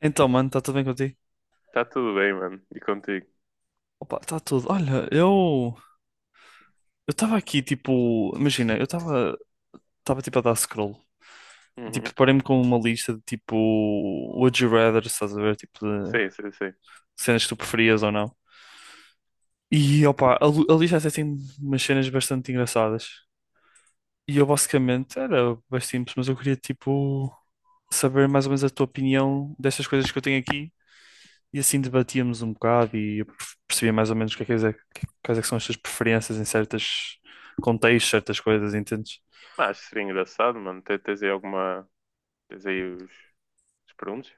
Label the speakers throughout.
Speaker 1: Então, mano, está tudo bem contigo?
Speaker 2: Tá tudo bem, mano. E contigo?
Speaker 1: Opa, está tudo. Olha, eu estava aqui tipo, imagina, eu estava tipo a dar scroll. Tipo,
Speaker 2: Uhum.
Speaker 1: deparei-me com uma lista de tipo Would You Rather, estás a ver, tipo de
Speaker 2: Sim, sim, sim.
Speaker 1: cenas que tu preferias ou não. E opa, a lista até tem umas cenas bastante engraçadas. E eu basicamente era bem simples, mas eu queria tipo saber mais ou menos a tua opinião destas coisas que eu tenho aqui. E assim debatíamos um bocado e eu percebia mais ou menos o que é que, quais é que são as tuas preferências em certos contextos, certas coisas, entendes?
Speaker 2: Mas acho que seria engraçado, mano. Tens aí alguma. Tens aí os, os perguntas?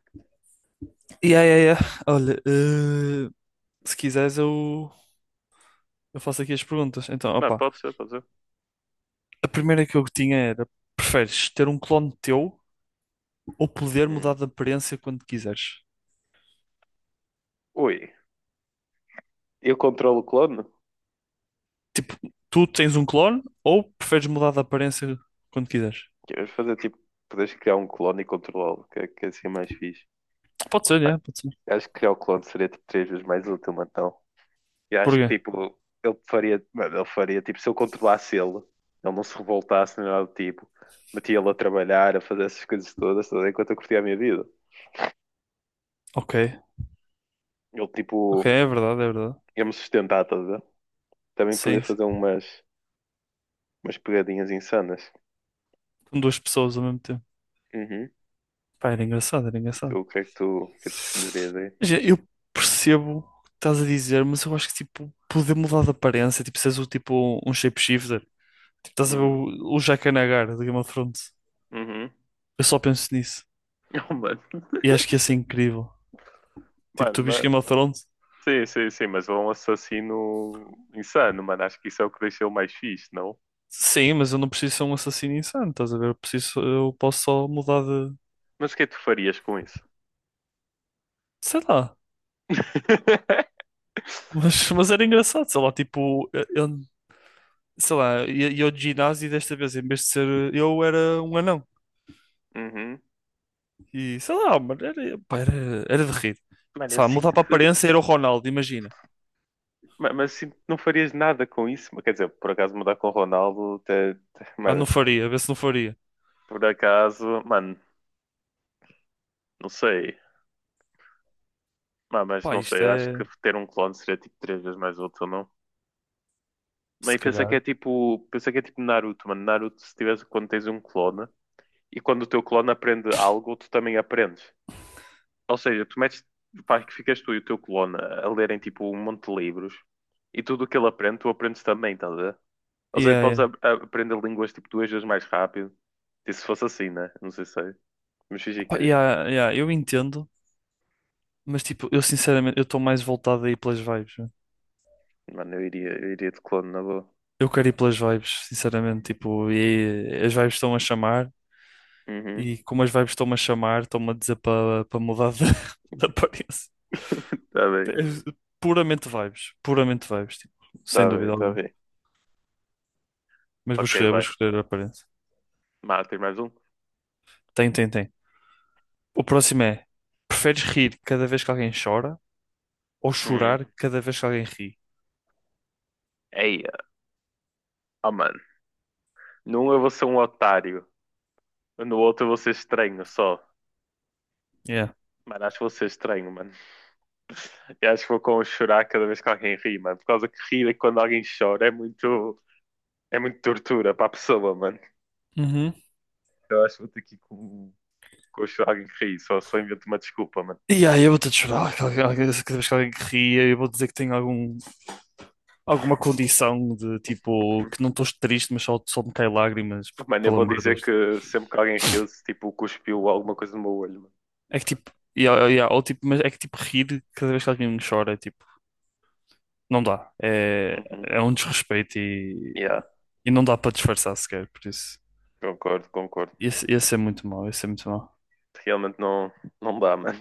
Speaker 1: E aí, olha, se quiseres eu faço aqui as perguntas. Então,
Speaker 2: Não,
Speaker 1: opa,
Speaker 2: pode ser, pode ser.
Speaker 1: a primeira que eu tinha era, preferes ter um clone teu ou poder mudar
Speaker 2: Hum.
Speaker 1: de aparência quando quiseres?
Speaker 2: Ui, eu controlo o clone?
Speaker 1: Tu tens um clone ou preferes mudar de aparência quando quiseres?
Speaker 2: Queres fazer tipo, podes criar um clone e controlá-lo, que é assim mais fixe.
Speaker 1: Pode ser,
Speaker 2: Mano,
Speaker 1: é, pode ser.
Speaker 2: acho que criar o clone seria tipo 3 vezes mais útil, mano. Então, e acho
Speaker 1: Porquê?
Speaker 2: que tipo, ele faria, mano, ele faria tipo, se eu controlasse ele, ele não se revoltasse nem nada do tipo, metia ele a trabalhar, a fazer essas coisas todas, tudo, enquanto eu curtia a minha vida.
Speaker 1: Ok,
Speaker 2: Ele
Speaker 1: ok,
Speaker 2: tipo,
Speaker 1: é verdade, é verdade.
Speaker 2: ia-me sustentar, estás a ver? Também poder
Speaker 1: Sim,
Speaker 2: fazer umas, umas pegadinhas insanas.
Speaker 1: com duas pessoas ao mesmo tempo.
Speaker 2: Uhum.
Speaker 1: Pá, era engraçado, era
Speaker 2: E tu,
Speaker 1: engraçado.
Speaker 2: o que é que tu escolherias aí?
Speaker 1: Já, eu percebo o que estás a dizer, mas eu acho que tipo, poder mudar de aparência, tipo, seres o tipo um shapeshifter. Tipo, estás a ver
Speaker 2: Uhum.
Speaker 1: o Jack Nagar de Game of Thrones.
Speaker 2: Uhum.
Speaker 1: Eu só penso nisso.
Speaker 2: Oh, mano.
Speaker 1: E acho que ia ser incrível. Tipo,
Speaker 2: Mano,
Speaker 1: tu viste
Speaker 2: mas...
Speaker 1: Game of Thrones?
Speaker 2: Sim, sim, sim, mas um assassino insano, mano. Acho que isso é o que deixou mais fixe, não?
Speaker 1: Sim, mas eu não preciso ser um assassino insano, estás a ver? Eu preciso, eu posso só mudar de.
Speaker 2: Mas o que é que tu farias com isso?
Speaker 1: Sei lá. Mas, mas era engraçado, sei lá, tipo, eu- sei lá, ia ao ginásio e desta vez, em vez de ser eu, era um anão.
Speaker 2: Uhum.
Speaker 1: E sei lá, mano, era, pá, era, era de rir.
Speaker 2: Mano, eu
Speaker 1: Sei lá, mudar
Speaker 2: sinto
Speaker 1: para a
Speaker 2: que.
Speaker 1: aparência era o Ronaldo, imagina.
Speaker 2: Mas eu sinto que não farias nada com isso. Mas, quer dizer, por acaso mudar com o Ronaldo,
Speaker 1: Ah,
Speaker 2: mano,
Speaker 1: não faria, vê se não faria.
Speaker 2: por acaso, mano, não sei. Ah, mas
Speaker 1: Pá,
Speaker 2: não
Speaker 1: isto
Speaker 2: sei, eu acho que
Speaker 1: é.
Speaker 2: ter um clone seria tipo 3 vezes mais útil, não? Não,
Speaker 1: Se
Speaker 2: e pensa que é
Speaker 1: calhar.
Speaker 2: tipo, pensa que é tipo Naruto, mano. Naruto, se tiveres quando tens um clone e quando o teu clone aprende algo, tu também aprendes. Ou seja, tu metes, faz que ficas tu e o teu clone a lerem tipo um monte de livros e tudo o que ele aprende, tu aprendes também, estás a ver? Ou seja,
Speaker 1: Yeah,
Speaker 2: podes
Speaker 1: yeah.
Speaker 2: aprender línguas tipo 2 vezes mais rápido. E se fosse assim, né? Não sei se é. Mas fingi
Speaker 1: Pá,
Speaker 2: que é.
Speaker 1: yeah, yeah, eu entendo, mas tipo, eu sinceramente, eu estou mais voltado aí pelas vibes, né?
Speaker 2: Mano, eu iria de clone na boa.
Speaker 1: Eu quero ir pelas vibes, sinceramente. Tipo, e as vibes estão a chamar,
Speaker 2: Uhum.
Speaker 1: e como as vibes estão-me a chamar, estão-me a dizer para mudar de, de aparência.
Speaker 2: Tá bem,
Speaker 1: É. Puramente vibes, tipo,
Speaker 2: tá
Speaker 1: sem
Speaker 2: bem,
Speaker 1: dúvida
Speaker 2: tá
Speaker 1: alguma.
Speaker 2: bem.
Speaker 1: Mas
Speaker 2: Ok,
Speaker 1: vou
Speaker 2: vai.
Speaker 1: escolher a aparência.
Speaker 2: Mano, tem mais um?
Speaker 1: Tem, tem, tem. O próximo é: preferes rir cada vez que alguém chora ou
Speaker 2: Hum.
Speaker 1: chorar cada vez que alguém ri?
Speaker 2: Ei, oh, mano. Num eu vou ser um otário. No outro eu vou ser estranho só.
Speaker 1: Yeah.
Speaker 2: Mano, acho que vou ser estranho, mano. Eu acho que vou com chorar cada vez que alguém ri, mano. Por causa que rir é quando alguém chora é muito. É muito tortura para a pessoa, mano.
Speaker 1: Uhum.
Speaker 2: Eu acho que vou ter que ir com chorar alguém que ri. Só, só invento uma desculpa, mano.
Speaker 1: E aí eu vou ter de chorar cada vez que alguém ria, eu vou dizer que tenho algum, alguma condição de tipo que não estou triste, mas só, só me caem lágrimas, porque,
Speaker 2: Mano, eu
Speaker 1: pelo
Speaker 2: vou
Speaker 1: amor de
Speaker 2: dizer
Speaker 1: Deus.
Speaker 2: que sempre que alguém riu-se, tipo, cuspiu alguma coisa no meu olho,
Speaker 1: É que tipo, yeah, yeah, yeah, ou, tipo, mas é que tipo rir cada vez que alguém chora, é tipo, não dá. É,
Speaker 2: mano. Uhum.
Speaker 1: é um desrespeito
Speaker 2: Yeah,
Speaker 1: e não dá para disfarçar sequer, por isso.
Speaker 2: concordo, concordo.
Speaker 1: Esse é muito mau, esse é muito mau.
Speaker 2: Realmente não, não dá, mano.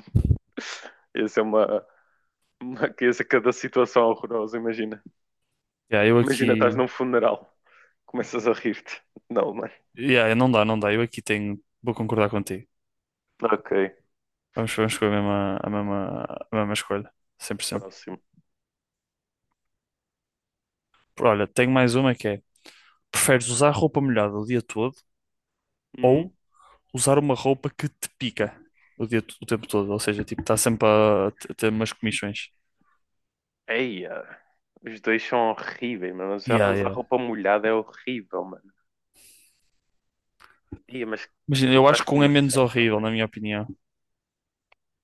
Speaker 2: Isso é uma riqueza cada situação horrorosa, imagina.
Speaker 1: Yeah, eu
Speaker 2: Imagina, estás
Speaker 1: aqui.
Speaker 2: num funeral, começas a rir-te. Não, mano.
Speaker 1: Yeah, não dá, não dá. Eu aqui tenho. Vou concordar contigo.
Speaker 2: Ok,
Speaker 1: Vamos, vamos com a mesma, a mesma, a mesma escolha. Cento.
Speaker 2: próximo.
Speaker 1: Olha, tenho mais uma que é: preferes usar roupa molhada o dia todo
Speaker 2: Hum?
Speaker 1: ou usar uma roupa que te pica o tempo todo? Ou seja, tipo, está sempre a ter umas comichões.
Speaker 2: Eia, os dois são horríveis, mano. Usar
Speaker 1: Yeah,
Speaker 2: usar
Speaker 1: yeah.
Speaker 2: roupa molhada é horrível, mano. Eia, mas que
Speaker 1: Imagina,
Speaker 2: me
Speaker 1: eu
Speaker 2: faz
Speaker 1: acho que um é menos
Speaker 2: comichão
Speaker 1: horrível,
Speaker 2: também.
Speaker 1: na minha opinião.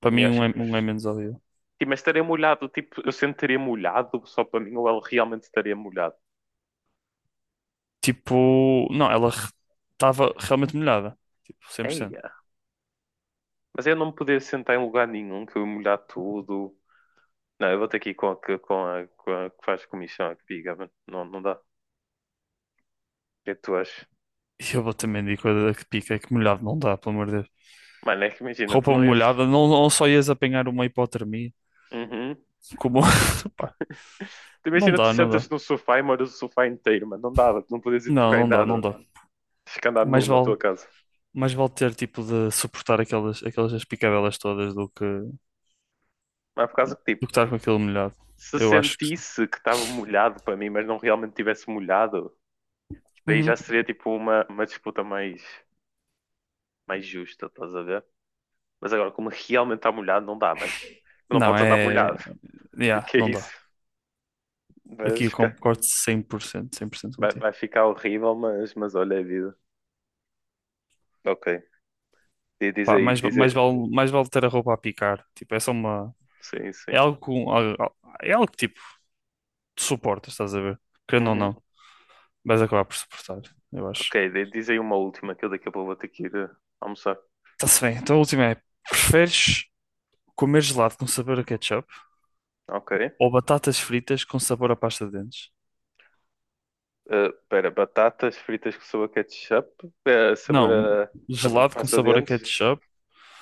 Speaker 1: Para
Speaker 2: Mano, eu
Speaker 1: mim,
Speaker 2: acho que
Speaker 1: um é
Speaker 2: os...
Speaker 1: menos horrível.
Speaker 2: Sim, mas estaria molhado, tipo, eu sentaria molhado só para mim ou ele realmente estaria molhado?
Speaker 1: Tipo, não, ela estava realmente molhada. Tipo, 100%.
Speaker 2: Eia, mas eu não me poder sentar em lugar nenhum, que eu ia molhar tudo. Não, eu vou ter que ir com a que, com a que faz comissão, a que diga, mano. Não, não dá. O que é que tu achas?
Speaker 1: E eu vou também dizer coisa que pica, é que molhado não dá, pelo amor de
Speaker 2: Mano, é que imagina, tu
Speaker 1: roupa
Speaker 2: não ias.
Speaker 1: molhada, não, não só ias apanhar uma hipotermia,
Speaker 2: Uhum.
Speaker 1: como
Speaker 2: Mano,
Speaker 1: pá,
Speaker 2: tu
Speaker 1: não
Speaker 2: imagina, tu
Speaker 1: dá, não
Speaker 2: sentas
Speaker 1: dá.
Speaker 2: no sofá e moras o sofá inteiro, mano. Não dava, tu não podias ir
Speaker 1: Não,
Speaker 2: tocar em
Speaker 1: não dá,
Speaker 2: nada,
Speaker 1: não
Speaker 2: mano.
Speaker 1: dá.
Speaker 2: Tens que andar nu
Speaker 1: Mais
Speaker 2: na
Speaker 1: vale,
Speaker 2: tua casa.
Speaker 1: mais vale ter tipo de suportar aquelas, aquelas picabelas todas do que do
Speaker 2: Mas por causa que, tipo,
Speaker 1: que estar com aquilo molhado.
Speaker 2: se
Speaker 1: Eu acho que sim.
Speaker 2: sentisse que estava molhado para mim, mas não realmente tivesse molhado, daí já
Speaker 1: Uhum.
Speaker 2: seria, tipo, uma disputa mais, mais justa, estás a ver? Mas agora, como realmente está molhado, não dá, mano. Tu não
Speaker 1: Não,
Speaker 2: podes andar
Speaker 1: é.
Speaker 2: molhado. O
Speaker 1: Yeah,
Speaker 2: que é
Speaker 1: não
Speaker 2: isso?
Speaker 1: dá. Aqui eu
Speaker 2: Mas
Speaker 1: concordo 100%, 100%
Speaker 2: vai,
Speaker 1: contigo.
Speaker 2: vai ficar horrível, mas olha a vida. Ok. Diz
Speaker 1: Pá,
Speaker 2: aí,
Speaker 1: mais,
Speaker 2: diz aí.
Speaker 1: mais vale ter a roupa a picar. Tipo, é só uma.
Speaker 2: Sim,
Speaker 1: É
Speaker 2: sim.
Speaker 1: algo, é algo que tipo, tu suportas, estás a ver? Querendo ou
Speaker 2: Uhum.
Speaker 1: não, vais acabar por suportar, eu acho.
Speaker 2: Ok, diz aí uma última que eu daqui a pouco vou ter que ir almoçar.
Speaker 1: Está-se bem. Então a última é: preferes comer gelado com sabor a ketchup
Speaker 2: Ok.
Speaker 1: ou batatas fritas com sabor a pasta de dentes?
Speaker 2: Espera, batatas fritas com sabor ketchup, eh, sabor
Speaker 1: Não,
Speaker 2: a, a
Speaker 1: gelado com
Speaker 2: pasta de
Speaker 1: sabor a
Speaker 2: dentes.
Speaker 1: ketchup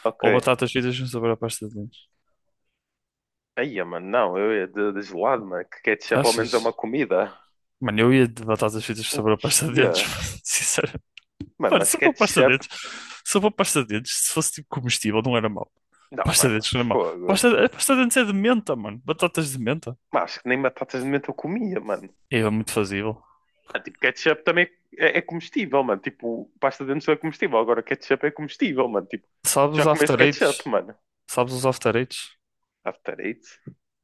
Speaker 2: Ok.
Speaker 1: ou batatas fritas com sabor a pasta de dentes?
Speaker 2: Aí, mano, não, eu ia de gelado, mano, que ketchup ao menos é uma
Speaker 1: Achas?
Speaker 2: comida.
Speaker 1: Mano, eu ia de batatas fritas com
Speaker 2: O
Speaker 1: sabor a pasta de
Speaker 2: que
Speaker 1: dentes,
Speaker 2: é?
Speaker 1: sinceramente.
Speaker 2: Mano,
Speaker 1: Mano,
Speaker 2: mas
Speaker 1: só para pasta de
Speaker 2: ketchup.
Speaker 1: dentes. Só para pasta de dentes, se fosse tipo comestível, não era mau.
Speaker 2: Não,
Speaker 1: Pasta de
Speaker 2: mano,
Speaker 1: dentes não era mau.
Speaker 2: fogo.
Speaker 1: Pasta, a pasta de dentes é de menta, mano. Batatas de menta.
Speaker 2: Mas acho que nem batatas de menta eu comia, mano.
Speaker 1: É muito fazível.
Speaker 2: Ah, tipo, ketchup também é, é comestível, mano. Tipo, pasta de dentes não é comestível. Agora, ketchup é comestível, mano. Tipo,
Speaker 1: Sabes
Speaker 2: já
Speaker 1: os
Speaker 2: comeste
Speaker 1: After
Speaker 2: ketchup,
Speaker 1: Eights?
Speaker 2: mano.
Speaker 1: Sabes os After Eights?
Speaker 2: After eight?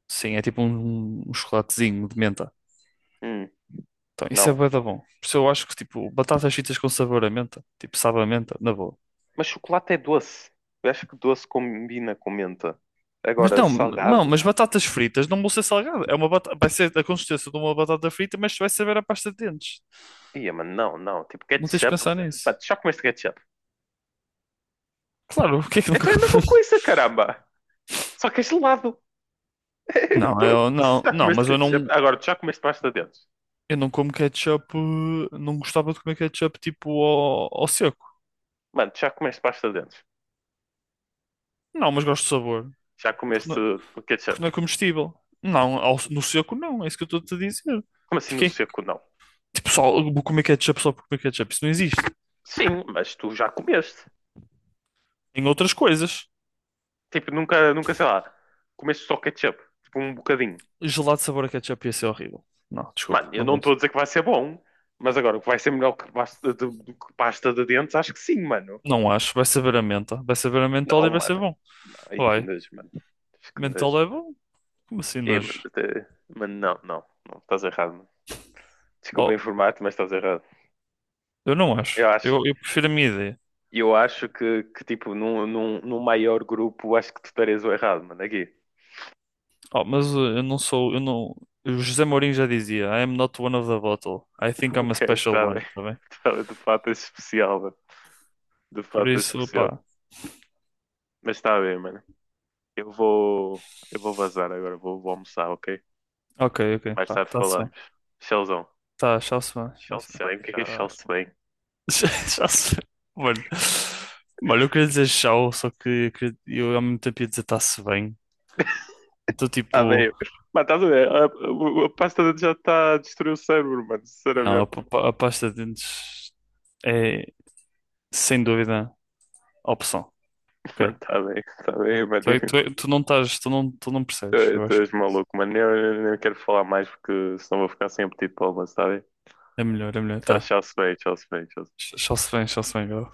Speaker 1: Sim, é tipo um chocolatezinho de menta.
Speaker 2: Hum,
Speaker 1: Então, isso é
Speaker 2: não.
Speaker 1: bué da bom. Por isso eu acho que, tipo, batatas fritas com sabor a menta. Tipo, sabe a menta, na boa.
Speaker 2: Mas chocolate é doce. Eu acho que doce combina com menta.
Speaker 1: Mas
Speaker 2: Agora,
Speaker 1: não, não,
Speaker 2: salgado?
Speaker 1: mas batatas fritas não vão ser salgadas. É uma batata, vai ser a consistência de uma batata frita, mas vai saber a pasta de dentes.
Speaker 2: Ia, mano, não, não. Tipo,
Speaker 1: Não tens de
Speaker 2: ketchup.
Speaker 1: pensar
Speaker 2: Mano,
Speaker 1: nisso.
Speaker 2: tu já comeste ketchup.
Speaker 1: Claro, o que é que nunca...
Speaker 2: Então é a mesma coisa, caramba. Só que é gelado.
Speaker 1: Não,
Speaker 2: Então, tu já comeste
Speaker 1: mas
Speaker 2: ketchup. Agora, tu já comeste pasta de dentes.
Speaker 1: eu não como ketchup, não gostava de comer ketchup tipo ao seco.
Speaker 2: Mano, tu já comeste pasta de dentes.
Speaker 1: Não, mas gosto de sabor,
Speaker 2: Já
Speaker 1: porque
Speaker 2: comeste
Speaker 1: não,
Speaker 2: ketchup.
Speaker 1: porque não é comestível. Não, no seco não, é isso que eu estou-te a dizer.
Speaker 2: Como assim no seco, não?
Speaker 1: Tipo, só vou comer ketchup só por comer ketchup. Isso não existe.
Speaker 2: Sim, mas tu já comeste.
Speaker 1: Em outras coisas,
Speaker 2: Tipo, nunca, nunca, sei lá, comeste só ketchup. Tipo, um bocadinho.
Speaker 1: gelado de sabor a ketchup ia ser horrível. Não, desculpa,
Speaker 2: Mano, eu
Speaker 1: não
Speaker 2: não estou a
Speaker 1: gosto.
Speaker 2: dizer que vai ser bom, mas agora, que vai ser melhor que pasta de, do que pasta de dentes, acho que sim, mano.
Speaker 1: Não acho. Vai saber a menta. Vai saber a mentol
Speaker 2: Não,
Speaker 1: e vai ser
Speaker 2: mano.
Speaker 1: bom.
Speaker 2: Não, aí que
Speaker 1: Vai.
Speaker 2: nojo, mano. Acho que nojo.
Speaker 1: Mentol é bom? Como assim
Speaker 2: É, mano,
Speaker 1: nojo?
Speaker 2: mano, não, não, não, estás errado, mano. Desculpa
Speaker 1: Oh,
Speaker 2: informar-te, mas estás errado.
Speaker 1: eu não acho.
Speaker 2: Eu acho,
Speaker 1: Eu prefiro a minha ideia.
Speaker 2: eu acho que tipo, num maior grupo, acho que tu estarias o errado, mano, aqui.
Speaker 1: Oh, mas eu não sou. Eu não. O José Mourinho já dizia: "I am not one of the bottle. I think I'm a
Speaker 2: Ok,
Speaker 1: special
Speaker 2: está
Speaker 1: one."
Speaker 2: bem.
Speaker 1: Tá bem?
Speaker 2: Tá bem, de fato é especial, mano. De
Speaker 1: Por
Speaker 2: fato é
Speaker 1: isso,
Speaker 2: especial.
Speaker 1: pá.
Speaker 2: Mas tá bem, mano. Eu vou, eu vou vazar agora, vou almoçar, ok?
Speaker 1: Ok, ok.
Speaker 2: Mais
Speaker 1: Pá,
Speaker 2: tarde
Speaker 1: tá-se bem.
Speaker 2: falamos. Tchauzão.
Speaker 1: Tá, tchau-se bem.
Speaker 2: Mano,
Speaker 1: Tchau-se
Speaker 2: se
Speaker 1: bem.
Speaker 2: tchau, bem, o que é tchau.
Speaker 1: Tchau.
Speaker 2: Tchauzão?
Speaker 1: Já, já se... Mano. Mano, eu queria dizer tchau, só que eu ao mesmo tempo ia dizer está-se bem. Então,
Speaker 2: Tá
Speaker 1: tipo,
Speaker 2: bem. Mano, estás a ver? A pasta de dente já está a destruir o cérebro, mano,
Speaker 1: não, a,
Speaker 2: sinceramente.
Speaker 1: pa- a pasta de dentes é sem dúvida a opção, ok?
Speaker 2: Mano, tá bem, mano.
Speaker 1: Tu não estás, tu não
Speaker 2: Tu,
Speaker 1: percebes, eu
Speaker 2: tu
Speaker 1: acho que
Speaker 2: és maluco, mano. Eu nem quero falar mais porque senão vou ficar sem apetite para o almoço, tá bem?
Speaker 1: é melhor,
Speaker 2: Tchau,
Speaker 1: tá.
Speaker 2: tchau, se bem, tchau, se bem, tchau.
Speaker 1: Tchau-se bem, Gal.